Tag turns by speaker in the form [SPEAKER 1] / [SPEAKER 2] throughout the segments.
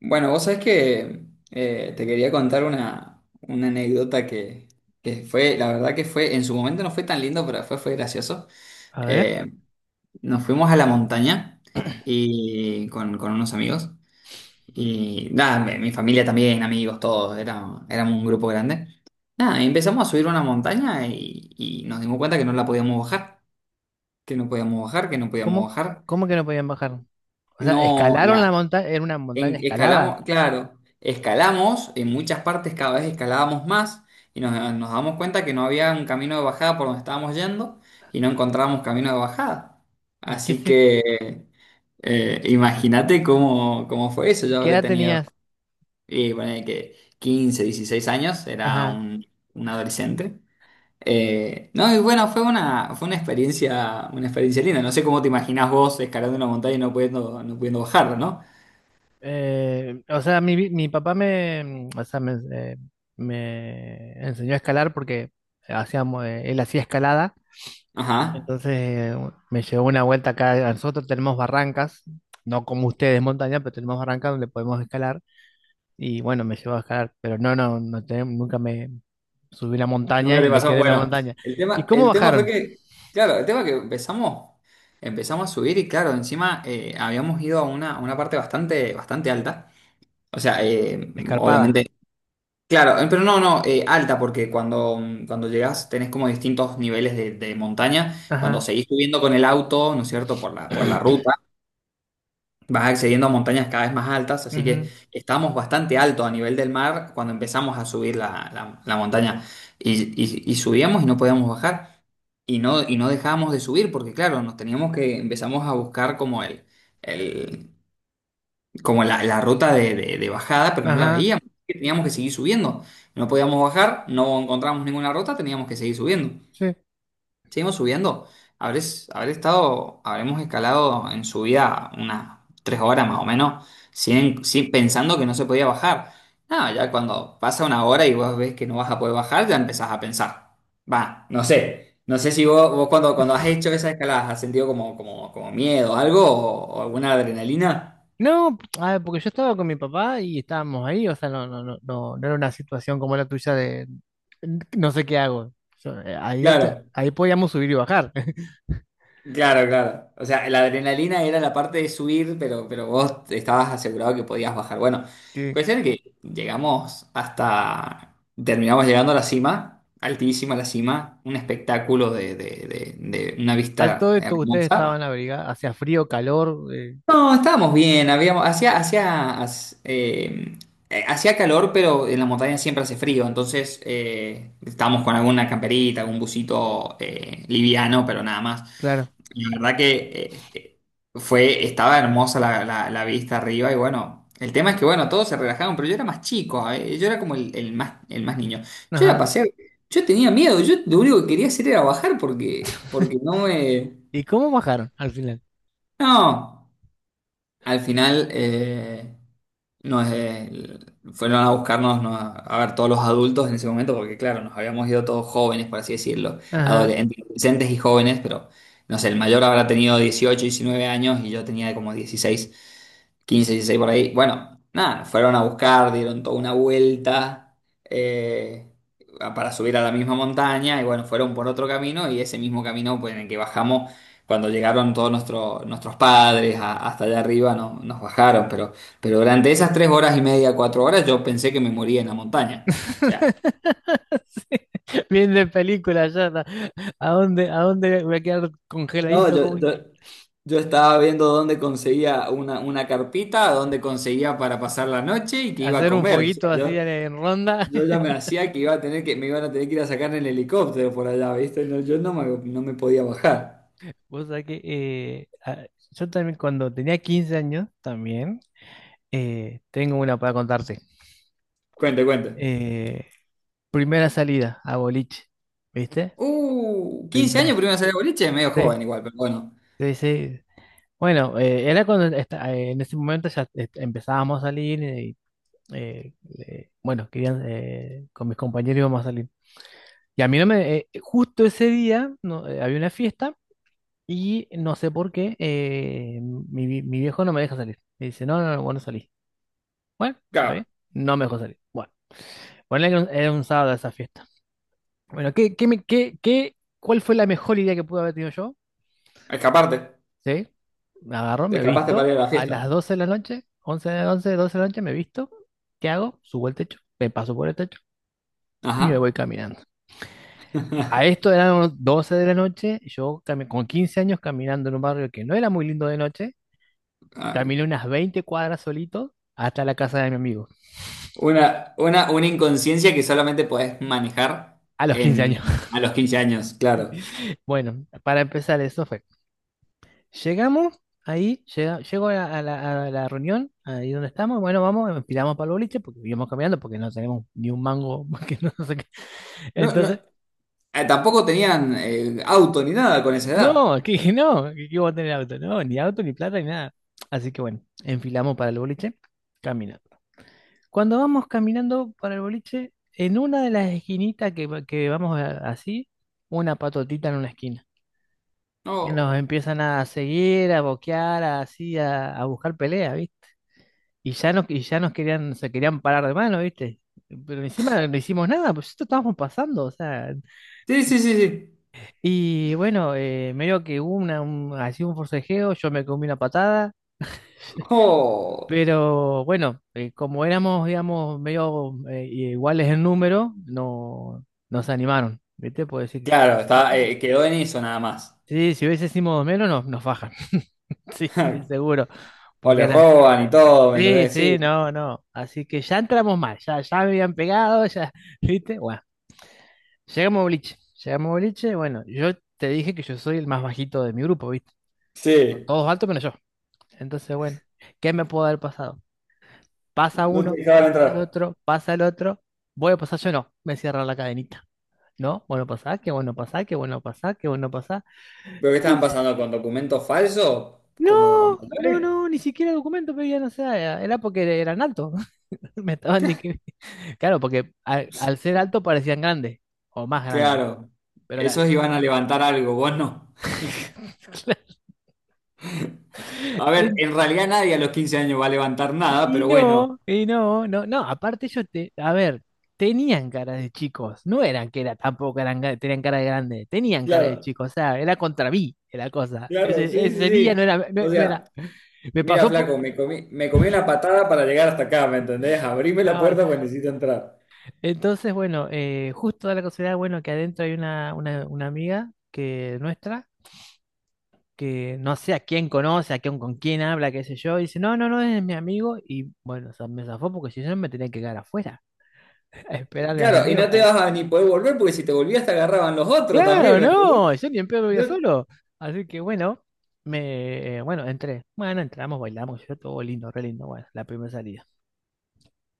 [SPEAKER 1] Bueno, vos sabés que te quería contar una anécdota que fue, la verdad que fue, en su momento no fue tan lindo, pero fue gracioso.
[SPEAKER 2] A ver,
[SPEAKER 1] Eh, Nos fuimos a la montaña y con unos amigos. Y nada, mi familia también, amigos, todos, era, éramos un grupo grande. Nada, y empezamos a subir una montaña y nos dimos cuenta que no la podíamos bajar, que no podíamos bajar, que no podíamos
[SPEAKER 2] ¿cómo,
[SPEAKER 1] bajar.
[SPEAKER 2] cómo que no podían bajar? O sea,
[SPEAKER 1] No,
[SPEAKER 2] escalaron la
[SPEAKER 1] la,
[SPEAKER 2] montaña, era una
[SPEAKER 1] En-
[SPEAKER 2] montaña escalada.
[SPEAKER 1] Escalamos, claro, escalamos, en muchas partes cada vez escalábamos más y nos damos cuenta que no había un camino de bajada por donde estábamos yendo y no encontrábamos camino de bajada.
[SPEAKER 2] ¿Y qué
[SPEAKER 1] Así
[SPEAKER 2] se,
[SPEAKER 1] que imagínate cómo, cómo fue eso.
[SPEAKER 2] ¿Y
[SPEAKER 1] Yo
[SPEAKER 2] qué
[SPEAKER 1] habré
[SPEAKER 2] edad
[SPEAKER 1] tenido,
[SPEAKER 2] tenías?
[SPEAKER 1] y ponele que 15 16 años, era
[SPEAKER 2] Ajá.
[SPEAKER 1] un adolescente. No, y bueno, fue una experiencia linda. No sé cómo te imaginás vos escalando una montaña y no pudiendo, no pudiendo bajarla, ¿no?
[SPEAKER 2] Mi papá me, o sea, me, me enseñó a escalar porque hacíamos, él hacía escalada.
[SPEAKER 1] Ajá.
[SPEAKER 2] Entonces me llevó una vuelta acá. A nosotros tenemos barrancas, no como ustedes montaña, pero tenemos barrancas donde podemos escalar. Y bueno, me llevó a escalar, pero nunca me subí a la montaña
[SPEAKER 1] Nunca
[SPEAKER 2] y
[SPEAKER 1] te
[SPEAKER 2] me
[SPEAKER 1] pasó.
[SPEAKER 2] quedé en la
[SPEAKER 1] Bueno,
[SPEAKER 2] montaña. ¿Y cómo
[SPEAKER 1] el tema fue
[SPEAKER 2] bajaron?
[SPEAKER 1] que, claro, el tema que empezamos, empezamos a subir y claro, encima habíamos ido a una parte bastante, bastante alta. O sea,
[SPEAKER 2] Escarpada.
[SPEAKER 1] obviamente, claro, pero no, no, alta, porque cuando, cuando llegas tenés como distintos niveles de montaña. Cuando
[SPEAKER 2] Ajá.
[SPEAKER 1] seguís subiendo con el auto, ¿no es cierto?, por por la ruta, vas accediendo a montañas cada vez más altas, así
[SPEAKER 2] Ujú.
[SPEAKER 1] que estábamos bastante alto a nivel del mar cuando empezamos a subir la montaña. Y subíamos y no podíamos bajar. Y no dejábamos de subir, porque claro, nos teníamos que, empezamos a buscar como el- como la ruta de bajada, pero no la
[SPEAKER 2] Ajá.
[SPEAKER 1] veíamos. Teníamos que seguir subiendo. No podíamos bajar, no encontramos ninguna ruta, teníamos que seguir subiendo.
[SPEAKER 2] Sí.
[SPEAKER 1] Seguimos subiendo. Habremos escalado en subida unas tres horas más o menos, pensando que no se podía bajar. No, ya cuando pasa una hora y vos ves que no vas a poder bajar, ya empezás a pensar. Va, no sé. No sé si vos cuando, cuando has hecho esas escaladas has sentido como miedo, algo o alguna adrenalina.
[SPEAKER 2] No, a ver, porque yo estaba con mi papá y estábamos ahí, o sea, no era una situación como la tuya de "N- no sé qué hago". Yo, ahí está,
[SPEAKER 1] Claro.
[SPEAKER 2] ahí podíamos subir y bajar.
[SPEAKER 1] Claro, claro. O sea, la adrenalina era la parte de subir, pero vos estabas asegurado que podías bajar. Bueno,
[SPEAKER 2] Sí.
[SPEAKER 1] cuestión es que llegamos hasta, terminamos llegando a la cima, altísima la cima, un espectáculo de una
[SPEAKER 2] A
[SPEAKER 1] vista
[SPEAKER 2] todo esto, ustedes estaban
[SPEAKER 1] hermosa.
[SPEAKER 2] abrigados, hacía frío, calor,
[SPEAKER 1] No, estábamos bien, habíamos, hacía calor, pero en la montaña siempre hace frío, entonces estábamos con alguna camperita, algún busito liviano, pero nada más.
[SPEAKER 2] claro.
[SPEAKER 1] La verdad que este, fue, estaba hermosa la vista arriba y bueno, el tema es que bueno, todos se relajaron, pero yo era más chico, ¿eh? Yo era como el más niño. Yo la
[SPEAKER 2] Ajá.
[SPEAKER 1] pasé, yo tenía miedo, yo lo único que quería hacer era bajar porque, porque no me...
[SPEAKER 2] ¿Y cómo bajaron al final?
[SPEAKER 1] No, al final... no, fueron a buscarnos, ¿no? A ver todos los adultos en ese momento, porque claro, nos habíamos ido todos jóvenes, por así decirlo,
[SPEAKER 2] Ajá.
[SPEAKER 1] adole- adolescentes y jóvenes, pero no sé, el mayor habrá tenido 18 19 años y yo tenía como 16 15, 16 por ahí. Bueno, nada, fueron a buscar, dieron toda una vuelta eh, para subir a la misma montaña y bueno, fueron por otro camino y ese mismo camino pues, en el que bajamos, cuando llegaron todos nuestros padres hasta allá arriba, nos bajaron, pero durante esas tres horas y media, cuatro horas, yo pensé que me moría en la montaña. O sea,
[SPEAKER 2] Sí. Bien de película ya, ¿no? A dónde voy a quedar
[SPEAKER 1] no,
[SPEAKER 2] congeladito como un,
[SPEAKER 1] yo estaba viendo dónde conseguía una carpita, dónde conseguía para pasar la noche y que iba a
[SPEAKER 2] hacer un
[SPEAKER 1] comer. O sea,
[SPEAKER 2] fueguito así
[SPEAKER 1] yo,
[SPEAKER 2] en ronda?
[SPEAKER 1] Yo ya me hacía que iba a tener que, me iban a tener que ir a sacar en el helicóptero por allá, ¿viste? No, yo no me, no me podía bajar.
[SPEAKER 2] Vos sabés que yo también cuando tenía 15 años, también tengo una para contarte.
[SPEAKER 1] Cuente, cuente.
[SPEAKER 2] Eh, Primera salida a boliche, ¿viste?
[SPEAKER 1] Quince años
[SPEAKER 2] Primera.
[SPEAKER 1] primero salí de boliche, medio
[SPEAKER 2] Sí,
[SPEAKER 1] joven igual, pero bueno.
[SPEAKER 2] sí, sí. Bueno, en ese momento ya empezábamos a salir y eh, bueno, querían, con mis compañeros íbamos a salir. Y a mí no me, justo ese día no, había una fiesta. Y no sé por qué, mi viejo no me deja salir. Me dice, no, no, no, vos no salís. Bueno, está bien.
[SPEAKER 1] Claro,
[SPEAKER 2] No me dejó salir. Bueno, bueno, era un sábado esa fiesta. Bueno, ¿qué, qué, me- qué, qué- cuál fue la mejor idea que pude haber tenido yo?
[SPEAKER 1] escaparte.
[SPEAKER 2] Sí, me agarro,
[SPEAKER 1] Te
[SPEAKER 2] me
[SPEAKER 1] escapaste
[SPEAKER 2] visto.
[SPEAKER 1] para ir a la
[SPEAKER 2] A las
[SPEAKER 1] fiesta.
[SPEAKER 2] 12 de la noche, 11 de la noche, 12 de la noche, me visto. ¿Qué hago? Subo al techo, me paso por el techo
[SPEAKER 1] Ajá.
[SPEAKER 2] y me voy caminando. A esto eran unos 12 de la noche, yo con 15 años caminando en un barrio que no era muy lindo de noche.
[SPEAKER 1] Ay,
[SPEAKER 2] Caminé unas 20 cuadras solito hasta la casa de mi amigo,
[SPEAKER 1] una, una inconsciencia que solamente podés manejar
[SPEAKER 2] a los 15 años.
[SPEAKER 1] en, a los quince años, claro.
[SPEAKER 2] Bueno, para empezar, eso fue. Llegamos ahí, llego a a la reunión, ahí donde estamos. Bueno, vamos, empilamos para el boliche porque íbamos caminando, porque no tenemos ni un mango, que no sé qué.
[SPEAKER 1] No, no,
[SPEAKER 2] Entonces,
[SPEAKER 1] tampoco tenían auto ni nada con esa edad.
[SPEAKER 2] no, que dije, no, que iba a tener auto, no, ni auto, ni plata, ni nada. Así que bueno, enfilamos para el boliche, caminamos. Cuando vamos caminando para el boliche, en una de las esquinitas que, que vamos a- así, una patotita en una esquina. Y nos
[SPEAKER 1] No.
[SPEAKER 2] empiezan a seguir, a boquear, a- así, a buscar pelea, ¿viste? Y ya nos querían, se querían parar de mano, ¿viste? Pero encima no hicimos nada, pues esto estábamos pasando, o sea.
[SPEAKER 1] Sí, sí, sí, sí.
[SPEAKER 2] Y bueno, medio que hubo una, un, así un forcejeo, yo me comí una patada.
[SPEAKER 1] Oh.
[SPEAKER 2] Pero bueno, como éramos, digamos, medio iguales en número, no, nos animaron, ¿viste? Puedo decir,
[SPEAKER 1] Claro, está,
[SPEAKER 2] papá.
[SPEAKER 1] quedó en eso nada más.
[SPEAKER 2] Sí, si hubiésemos menos, nos fajan. Sí, estoy seguro.
[SPEAKER 1] O
[SPEAKER 2] Porque
[SPEAKER 1] les
[SPEAKER 2] era,
[SPEAKER 1] roban y todo, ¿me
[SPEAKER 2] sí,
[SPEAKER 1] entendés? Sí,
[SPEAKER 2] sí, no, no. Así que ya entramos mal, ya, ya me habían pegado, ya. ¿Viste? Bueno, llegamos a boliche, llegamos a boliche, bueno, yo te dije que yo soy el más bajito de mi grupo, ¿viste? Son
[SPEAKER 1] sí,
[SPEAKER 2] todos altos menos yo. Entonces, bueno, ¿qué me puede haber pasado? Pasa
[SPEAKER 1] no te
[SPEAKER 2] uno,
[SPEAKER 1] dejaban
[SPEAKER 2] pasa el
[SPEAKER 1] entrar.
[SPEAKER 2] otro, pasa el otro. Voy a pasar yo, no, me cierra la cadenita. No, bueno pasar que bueno pasar que bueno pasar que bueno pasar.
[SPEAKER 1] ¿Pero qué estaban pasando con documentos falsos? ¿Como
[SPEAKER 2] No, no,
[SPEAKER 1] mandales?
[SPEAKER 2] no, ni siquiera documento pedían, o sea, era porque eran altos. Me estaban discriminando. Claro, porque al ser alto parecían grandes o más grandes.
[SPEAKER 1] Claro,
[SPEAKER 2] Pero la...
[SPEAKER 1] esos iban a levantar algo, vos no.
[SPEAKER 2] Claro.
[SPEAKER 1] A ver, en realidad nadie a los 15 años va a levantar nada, pero bueno.
[SPEAKER 2] Y no, no, no, aparte ellos te, a ver, tenían cara de chicos, no eran que era tampoco eran, tenían cara de grande, tenían cara de
[SPEAKER 1] Claro,
[SPEAKER 2] chicos, o sea, era contra mí la cosa.
[SPEAKER 1] claro, sí, sí,
[SPEAKER 2] Ese día no
[SPEAKER 1] sí.
[SPEAKER 2] era,
[SPEAKER 1] O
[SPEAKER 2] no era,
[SPEAKER 1] sea,
[SPEAKER 2] me
[SPEAKER 1] mira,
[SPEAKER 2] pasó por,
[SPEAKER 1] flaco, me comí una patada para llegar hasta acá, ¿me entendés? Abrime la
[SPEAKER 2] no.
[SPEAKER 1] puerta porque necesito entrar.
[SPEAKER 2] Entonces, bueno, justo da la casualidad, bueno, que adentro hay una amiga que nuestra, que no sé a quién conoce, a quién, con quién habla, qué sé yo, y dice, no, no, no, es mi amigo, y bueno, o sea, me zafó porque si no me tenía que quedar afuera, a esperarle a mi
[SPEAKER 1] Claro, y
[SPEAKER 2] amigo.
[SPEAKER 1] no te vas a ni poder volver porque si te volvías te agarraban los otros también,
[SPEAKER 2] Claro,
[SPEAKER 1] ¿me entendés?
[SPEAKER 2] no, yo ni en pedo vivía
[SPEAKER 1] No-
[SPEAKER 2] solo. Así que bueno, bueno, entré. Bueno, entramos, bailamos, yo todo lindo, re lindo. Bueno, la primera salida.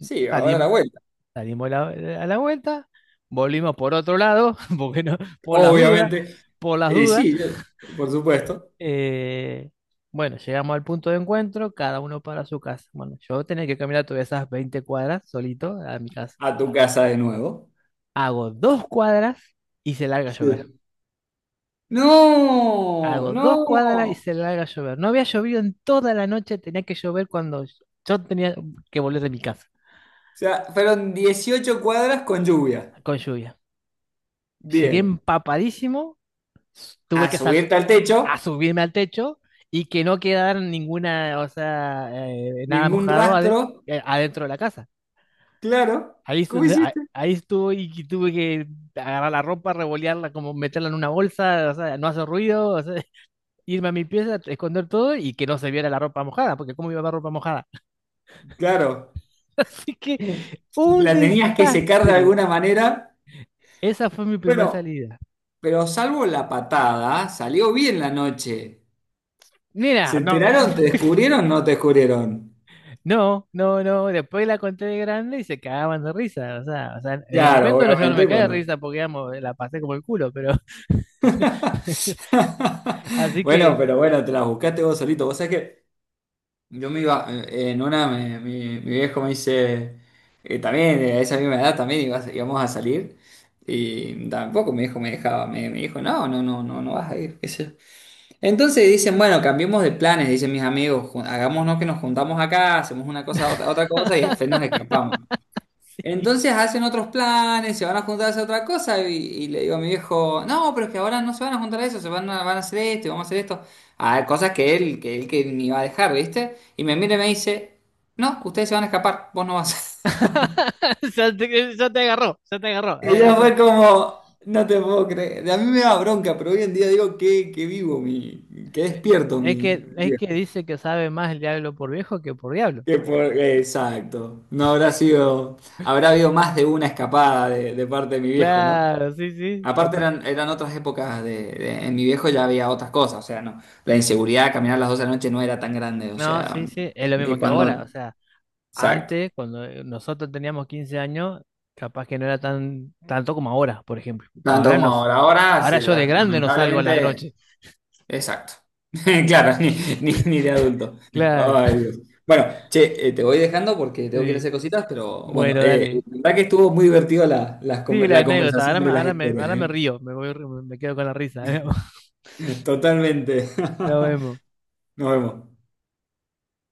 [SPEAKER 1] Sí, ahora la
[SPEAKER 2] Salimos,
[SPEAKER 1] vuelta,
[SPEAKER 2] a la vuelta, volvimos por otro lado, porque no, por las dudas,
[SPEAKER 1] obviamente.
[SPEAKER 2] por las
[SPEAKER 1] Y
[SPEAKER 2] dudas.
[SPEAKER 1] sí, yo- por supuesto,
[SPEAKER 2] Eh, bueno, llegamos al punto de encuentro, cada uno para su casa. Bueno, yo tenía que caminar todas esas 20 cuadras solito a mi casa.
[SPEAKER 1] a tu casa de nuevo.
[SPEAKER 2] Hago 2 cuadras y se larga a llover.
[SPEAKER 1] Sí. No,
[SPEAKER 2] Hago dos
[SPEAKER 1] no.
[SPEAKER 2] cuadras y
[SPEAKER 1] O
[SPEAKER 2] se larga a llover. No había llovido en toda la noche, tenía que llover cuando yo tenía que volver de mi casa
[SPEAKER 1] sea, fueron 18 cuadras con lluvia.
[SPEAKER 2] con lluvia. Llegué
[SPEAKER 1] Bien.
[SPEAKER 2] empapadísimo, s-
[SPEAKER 1] A
[SPEAKER 2] tuve que sal-
[SPEAKER 1] subirte al techo,
[SPEAKER 2] a subirme al techo y que no quedara ninguna, o sea, nada
[SPEAKER 1] ningún
[SPEAKER 2] mojado
[SPEAKER 1] rastro.
[SPEAKER 2] adentro de la casa.
[SPEAKER 1] Claro.
[SPEAKER 2] Ahí, es
[SPEAKER 1] ¿Cómo
[SPEAKER 2] donde- a-
[SPEAKER 1] hiciste?
[SPEAKER 2] ahí estuve y tuve que agarrar la ropa, revolearla, como meterla en una bolsa, o sea, no hacer ruido, o sea, irme a mi pieza, esconder todo y que no se viera la ropa mojada, porque ¿cómo iba a haber ropa mojada?
[SPEAKER 1] Claro.
[SPEAKER 2] Así que un
[SPEAKER 1] La tenías que secar de
[SPEAKER 2] desastre.
[SPEAKER 1] alguna manera.
[SPEAKER 2] Esa fue mi primera
[SPEAKER 1] Bueno,
[SPEAKER 2] salida.
[SPEAKER 1] pero salvo la patada, salió bien la noche.
[SPEAKER 2] Mira,
[SPEAKER 1] ¿Se
[SPEAKER 2] no.
[SPEAKER 1] enteraron? ¿Te descubrieron? ¿No te descubrieron?
[SPEAKER 2] No, no, no. Después la conté de grande y se cagaban de risa. O sea, en el
[SPEAKER 1] Claro,
[SPEAKER 2] momento no, yo no me
[SPEAKER 1] obviamente
[SPEAKER 2] cae de
[SPEAKER 1] cuando.
[SPEAKER 2] risa porque digamos, la pasé como el culo, pero así
[SPEAKER 1] Bueno,
[SPEAKER 2] que
[SPEAKER 1] pero bueno, te la buscaste vos solito. Vos sabés que yo me iba, en una, mi viejo me dice, también, a esa misma edad también íbamos a salir. Y tampoco mi hijo me dejaba, me dijo, no, no, no, no, no vas a ir. Qué sé yo. Entonces dicen, bueno, cambiemos de planes, dicen mis amigos, hagámonos que nos juntamos acá, hacemos una cosa, otra, otra cosa y al fin nos escapamos.
[SPEAKER 2] sí.
[SPEAKER 1] Entonces hacen otros planes, se van a juntar a hacer otra cosa y le digo a mi viejo, no, pero es que ahora no se van a juntar a eso, se van a, van a hacer esto y vamos a hacer esto. Ah, cosas que él que ni va a dejar, ¿viste? Y me mira y me dice, no, ustedes se van a escapar, vos no vas.
[SPEAKER 2] Ya te agarró, ya te agarró.
[SPEAKER 1] Y yo fue como, no te puedo creer. A mí me da bronca, pero hoy en día digo que vivo, mi, que
[SPEAKER 2] Ve-
[SPEAKER 1] despierto
[SPEAKER 2] es
[SPEAKER 1] mi...
[SPEAKER 2] que, es que
[SPEAKER 1] viejo.
[SPEAKER 2] dice que sabe más el diablo por viejo que por diablo.
[SPEAKER 1] Que por- Exacto. No habrá sido, habrá habido más de una escapada de parte de mi viejo, ¿no?
[SPEAKER 2] Claro, sí, sí,
[SPEAKER 1] Aparte
[SPEAKER 2] capaz.
[SPEAKER 1] eran, eran otras épocas en mi viejo ya había otras cosas, o sea, no. La inseguridad, de caminar a las 12 de la noche no era tan grande, o
[SPEAKER 2] No,
[SPEAKER 1] sea,
[SPEAKER 2] sí, sí, es lo mismo
[SPEAKER 1] que
[SPEAKER 2] que ahora,
[SPEAKER 1] cuando...
[SPEAKER 2] o sea.
[SPEAKER 1] Exacto.
[SPEAKER 2] Antes, cuando nosotros teníamos 15 años, capaz que no era tan tanto como ahora, por ejemplo.
[SPEAKER 1] Tanto como ahora, ahora,
[SPEAKER 2] Ahora yo de grande no salgo a la
[SPEAKER 1] lamentablemente...
[SPEAKER 2] noche.
[SPEAKER 1] Exacto. Claro, ni, ni, ni de adulto.
[SPEAKER 2] Claro.
[SPEAKER 1] Ay, Dios. Bueno, che, te voy dejando porque tengo que ir a
[SPEAKER 2] Sí.
[SPEAKER 1] hacer cositas, pero bueno,
[SPEAKER 2] Bueno,
[SPEAKER 1] la
[SPEAKER 2] dale.
[SPEAKER 1] verdad que estuvo muy divertido la,
[SPEAKER 2] Sí, la
[SPEAKER 1] la
[SPEAKER 2] anécdota.
[SPEAKER 1] conversación de las historias,
[SPEAKER 2] Ahora me
[SPEAKER 1] ¿eh?
[SPEAKER 2] río, me voy, me quedo con la risa.
[SPEAKER 1] Totalmente.
[SPEAKER 2] Nos vemos.
[SPEAKER 1] Nos vemos.